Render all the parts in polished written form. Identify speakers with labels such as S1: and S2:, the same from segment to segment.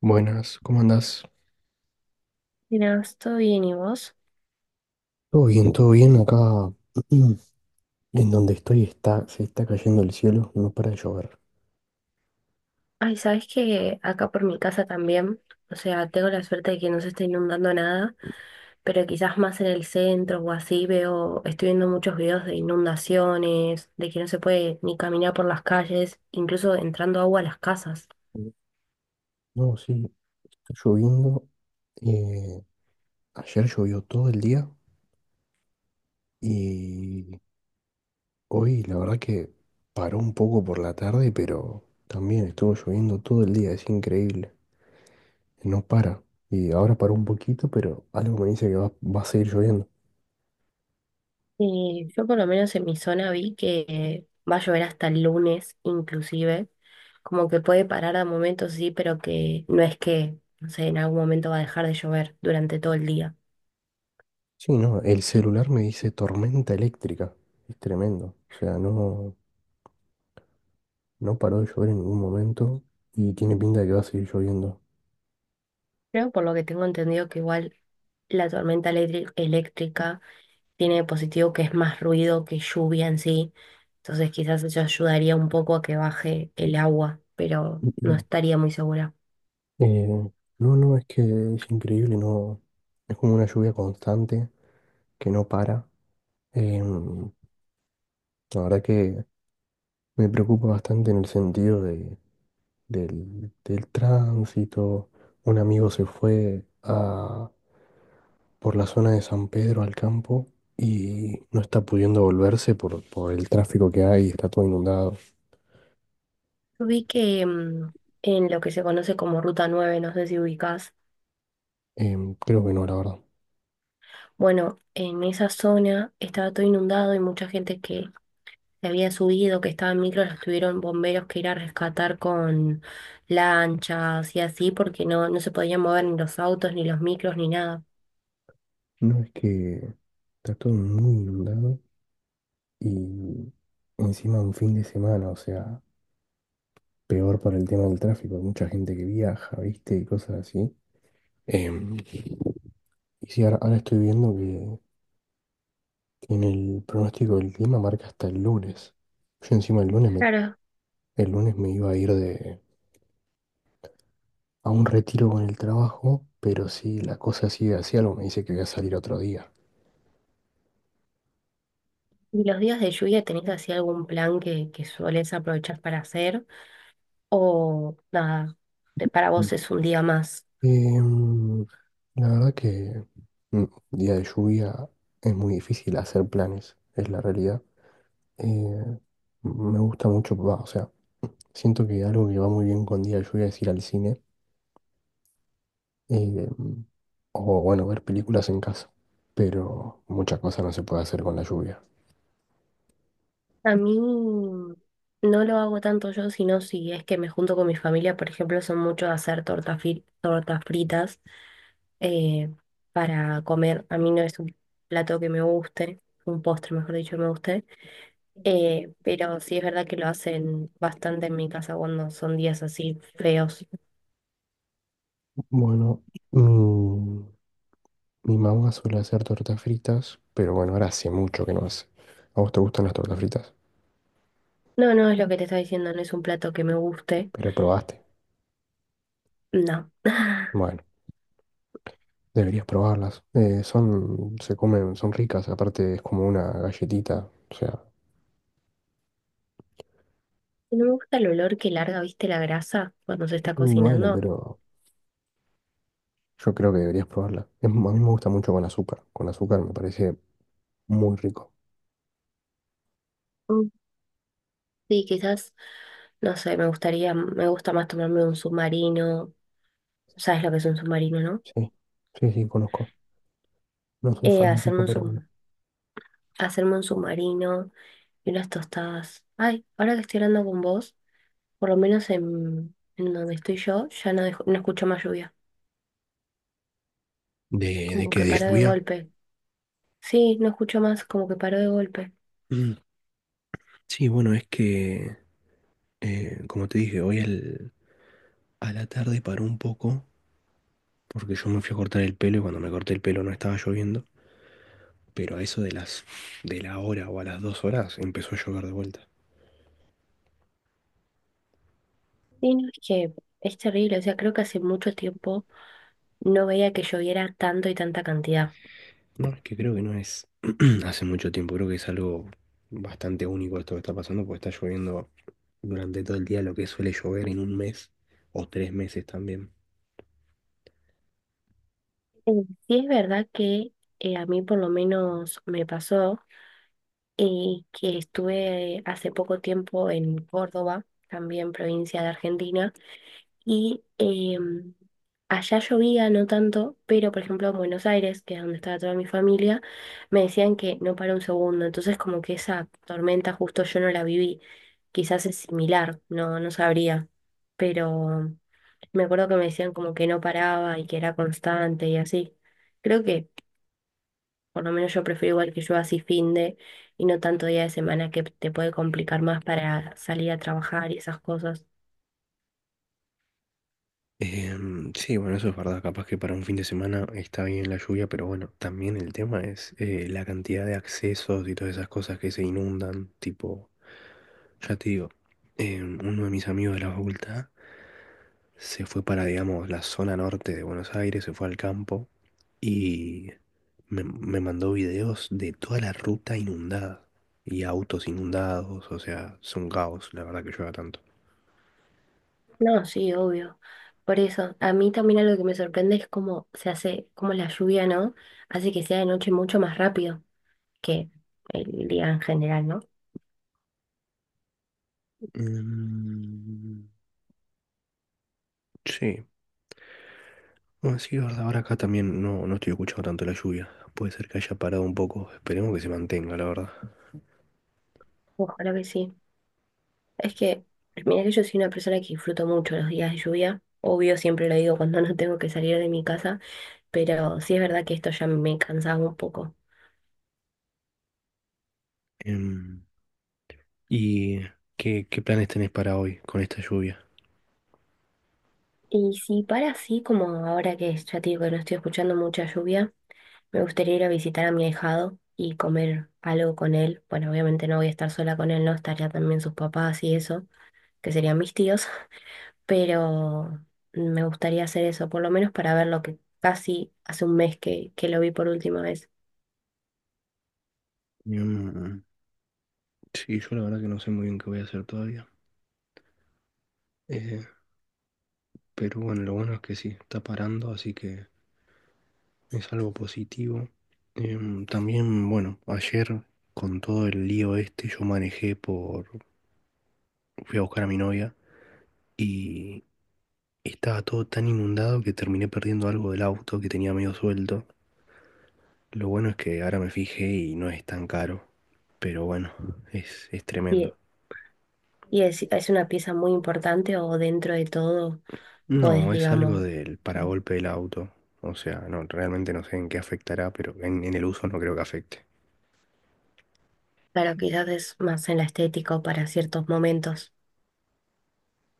S1: Buenas, ¿cómo andás?
S2: Mira, estoy bien, ¿y vos?
S1: Todo bien, todo bien. Acá en donde estoy está, se está cayendo el cielo, no para de llover.
S2: Ay, ¿sabes que acá por mi casa también, o sea, tengo la suerte de que no se está inundando nada? Pero quizás más en el centro o así veo, estoy viendo muchos videos de inundaciones, de que no se puede ni caminar por las calles, incluso entrando agua a las casas.
S1: No, sí, está lloviendo. eh, Ayer llovió todo el día y hoy la verdad que paró un poco por la tarde, pero también estuvo lloviendo todo el día, es increíble. No para. Y ahora paró un poquito, pero algo me dice que va a seguir lloviendo.
S2: Y yo por lo menos en mi zona vi que va a llover hasta el lunes, inclusive, como que puede parar a momentos, sí, pero que no es que, no sé, en algún momento va a dejar de llover durante todo el día.
S1: Sí, no, el celular me dice tormenta eléctrica. Es tremendo. O sea, no, no paró de llover en ningún momento y tiene pinta de que va a seguir lloviendo.
S2: Creo por lo que tengo entendido que igual la tormenta eléctrica tiene de positivo que es más ruido que lluvia en sí. Entonces quizás eso ayudaría un poco a que baje el agua, pero no estaría muy segura.
S1: Eh, no, no, es que es increíble, no. Es como una lluvia constante que no para. Em, la verdad que me preocupa bastante en el sentido del tránsito. Un amigo se fue a, por la zona de San Pedro al campo y no está pudiendo volverse por el tráfico que hay, está todo inundado.
S2: Yo vi que en lo que se conoce como Ruta 9, no sé si ubicás.
S1: Creo que no, la verdad.
S2: Bueno, en esa zona estaba todo inundado y mucha gente que había subido, que estaba en micro, los tuvieron bomberos que ir a rescatar con lanchas y así, porque no, no se podían mover ni los autos, ni los micros, ni nada.
S1: No, es que está todo muy inundado y encima un fin de semana, o sea, peor para el tema del tráfico, hay mucha gente que viaja, ¿viste? Y cosas así. Em, y sí, ahora estoy viendo que en el pronóstico del clima marca hasta el lunes. Yo encima
S2: Claro.
S1: el lunes me iba a ir de, a un retiro con el trabajo, pero si la cosa sigue así, algo me dice que voy a salir otro día.
S2: ¿Y los días de lluvia tenés así algún plan que sueles aprovechar para hacer? ¿O nada, para
S1: Mm.
S2: vos es un día más?
S1: Em, la verdad que mm, día de lluvia es muy difícil hacer planes, es la realidad. Eh, Me gusta mucho, va, o sea, siento que algo que va muy bien con día de lluvia es ir al cine, em, o bueno, ver películas en casa, pero muchas cosas no se puede hacer con la lluvia.
S2: A mí no lo hago tanto yo, sino si es que me junto con mi familia, por ejemplo, son muchos de hacer tortas fritas eh, para comer. A mí no es un plato que me guste, un postre, mejor dicho, que me guste. Pero sí es verdad que lo hacen bastante en mi casa cuando son días así feos.
S1: Bueno, mi, mi mamá suele hacer tortas fritas, pero bueno, ahora hace mucho que no hace. ¿A vos te gustan las tortas fritas?
S2: No, no es lo que te estaba diciendo, no es un plato que me guste,
S1: Pero probaste.
S2: no.
S1: Bueno, deberías probarlas. Son, se comen, son ricas, aparte es como una galletita. O sea,
S2: No me gusta el olor que larga, viste, la grasa cuando se está
S1: y bueno,
S2: cocinando.
S1: pero yo creo que deberías probarla. Es- a mí me gusta mucho con azúcar. Con azúcar me parece muy rico.
S2: Mm. Sí, quizás, no sé, me gustaría, me gusta más tomarme un submarino. ¿Sabes lo que es un submarino, no?
S1: Sí, sí, sí, conozco. No soy
S2: Eh, hacerme
S1: fanático,
S2: un,
S1: pero bueno.
S2: sub- Hacerme un submarino y unas tostadas. Ay, ahora que estoy hablando con vos, por lo menos en donde estoy yo, ya no, no escucho más lluvia.
S1: De
S2: Como
S1: qué
S2: que paró de
S1: desvía?
S2: golpe. Sí, no escucho más, como que paró de golpe.
S1: Mm. Sí, bueno, es que, como te dije, hoy al- a la tarde paró un poco porque yo me fui a cortar el pelo y cuando me corté el pelo no estaba lloviendo, pero a eso de las de la hora o a las dos horas empezó a llover de vuelta.
S2: Y no, es que es terrible, o sea, creo que hace mucho tiempo no veía que lloviera tanto y tanta cantidad.
S1: No, es que creo que no es hace mucho tiempo, creo que es algo bastante único esto que está pasando porque está lloviendo durante todo el día lo que suele llover en un mes o tres meses también.
S2: Eh, Sí, es verdad que a mí por lo menos me pasó que estuve hace poco tiempo en Córdoba, también provincia de Argentina. Y allá llovía, no tanto, pero por ejemplo en Buenos Aires, que es donde estaba toda mi familia, me decían que no para un segundo. Entonces como que esa tormenta justo yo no la viví. Quizás es similar, no, no sabría. Pero me acuerdo que me decían como que no paraba y que era constante y así. Creo que por lo menos yo prefiero igual que yo así fin de y no tanto día de semana que te puede complicar más para salir a trabajar y esas cosas.
S1: Sí, bueno, eso es verdad. Capaz que para un fin de semana está bien la lluvia, pero bueno, también el tema es la cantidad de accesos y todas esas cosas que se inundan. Tipo, ya te digo, uno de mis amigos de la facultad se fue para, digamos, la zona norte de Buenos Aires, se fue al campo y me mandó videos de toda la ruta inundada y autos inundados. O sea, es un caos, la verdad que llueva tanto.
S2: No, sí, obvio. Por eso, a mí también algo que me sorprende es cómo se hace, cómo la lluvia, ¿no? Hace que sea de noche mucho más rápido que el día en general, ¿no?
S1: Mm. Sí, bueno, sí, es verdad, ahora acá también no, no estoy escuchando tanto la lluvia. Puede ser que haya parado un poco. Esperemos que se mantenga, la verdad.
S2: Ojalá que sí. Es que, mira que yo soy una persona que disfruto mucho los días de lluvia. Obvio, siempre lo digo cuando no tengo que salir de mi casa, pero sí es verdad que esto ya me cansaba un poco.
S1: Em, ¿Y qué, qué planes tenés para hoy con esta lluvia?
S2: Y si para así, como ahora que ya te digo que no estoy escuchando mucha lluvia. Me gustaría ir a visitar a mi ahijado y comer algo con él. Bueno, obviamente no voy a estar sola con él, no estaría también sus papás y eso, que serían mis tíos, pero me gustaría hacer eso, por lo menos para ver lo que casi hace un mes que lo vi por última vez.
S1: Em, sí, yo la verdad que no sé muy bien qué voy a hacer todavía. Eh, pero bueno, lo bueno es que sí, está parando, así que es algo positivo. También, bueno, ayer con todo el lío este, yo manejé por... Fui a buscar a mi novia. Y estaba todo tan inundado que terminé perdiendo algo del auto que tenía medio suelto. Lo bueno es que ahora me fijé y no es tan caro. Pero bueno, es tremendo.
S2: Y, y es una pieza muy importante o dentro de todo, pues
S1: No, es algo
S2: digamos,
S1: del paragolpe del auto. O sea, no, realmente no sé en qué afectará, pero en el uso no creo que afecte.
S2: claro, quizás es más en la estética o para ciertos momentos.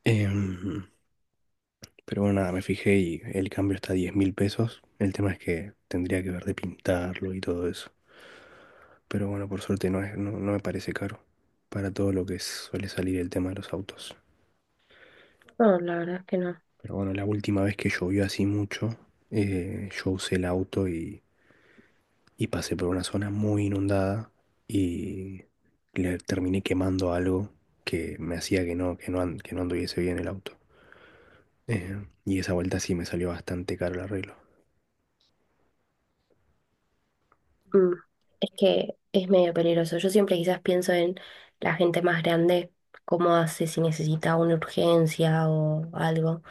S1: Em, pero bueno, nada, me fijé y el cambio está a 10 mil pesos. El tema es que tendría que ver de pintarlo y todo eso. Pero bueno, por suerte no es, no, no me parece caro para todo lo que suele salir el tema de los autos.
S2: No, la verdad es que no.
S1: Pero bueno, la última vez que llovió así mucho, yo usé el auto y pasé por una zona muy inundada y le terminé quemando algo que me hacía que no, an- que no anduviese bien el auto. Y esa vuelta sí me salió bastante caro el arreglo.
S2: Mm, es que es medio peligroso. Yo siempre quizás pienso en la gente más grande, cómo hace si necesita una urgencia o algo.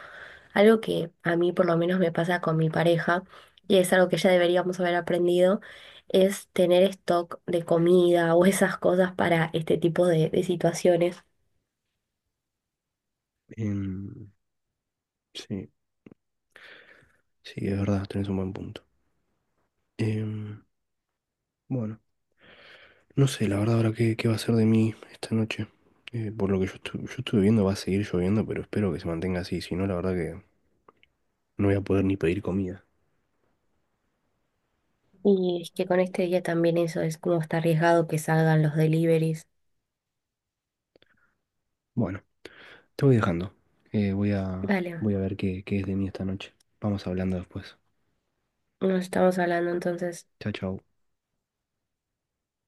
S2: Algo que a mí por lo menos me pasa con mi pareja, y es algo que ya deberíamos haber aprendido, es tener stock de comida o esas cosas para este tipo de situaciones.
S1: Em, sí, sí, es verdad, tenés un buen punto. Em, bueno, no sé, la verdad ahora qué, qué va a ser de mí esta noche. Por lo que yo, estu- yo estuve viendo va a seguir lloviendo, pero espero que se mantenga así, si no la verdad que no voy a poder ni pedir comida.
S2: Y es que con este día también eso es como está arriesgado que salgan los deliveries.
S1: Bueno, te voy dejando.
S2: Dale,
S1: Voy a ver qué, qué es de mí esta noche. Vamos hablando después.
S2: nos estamos hablando entonces.
S1: Chao, chao.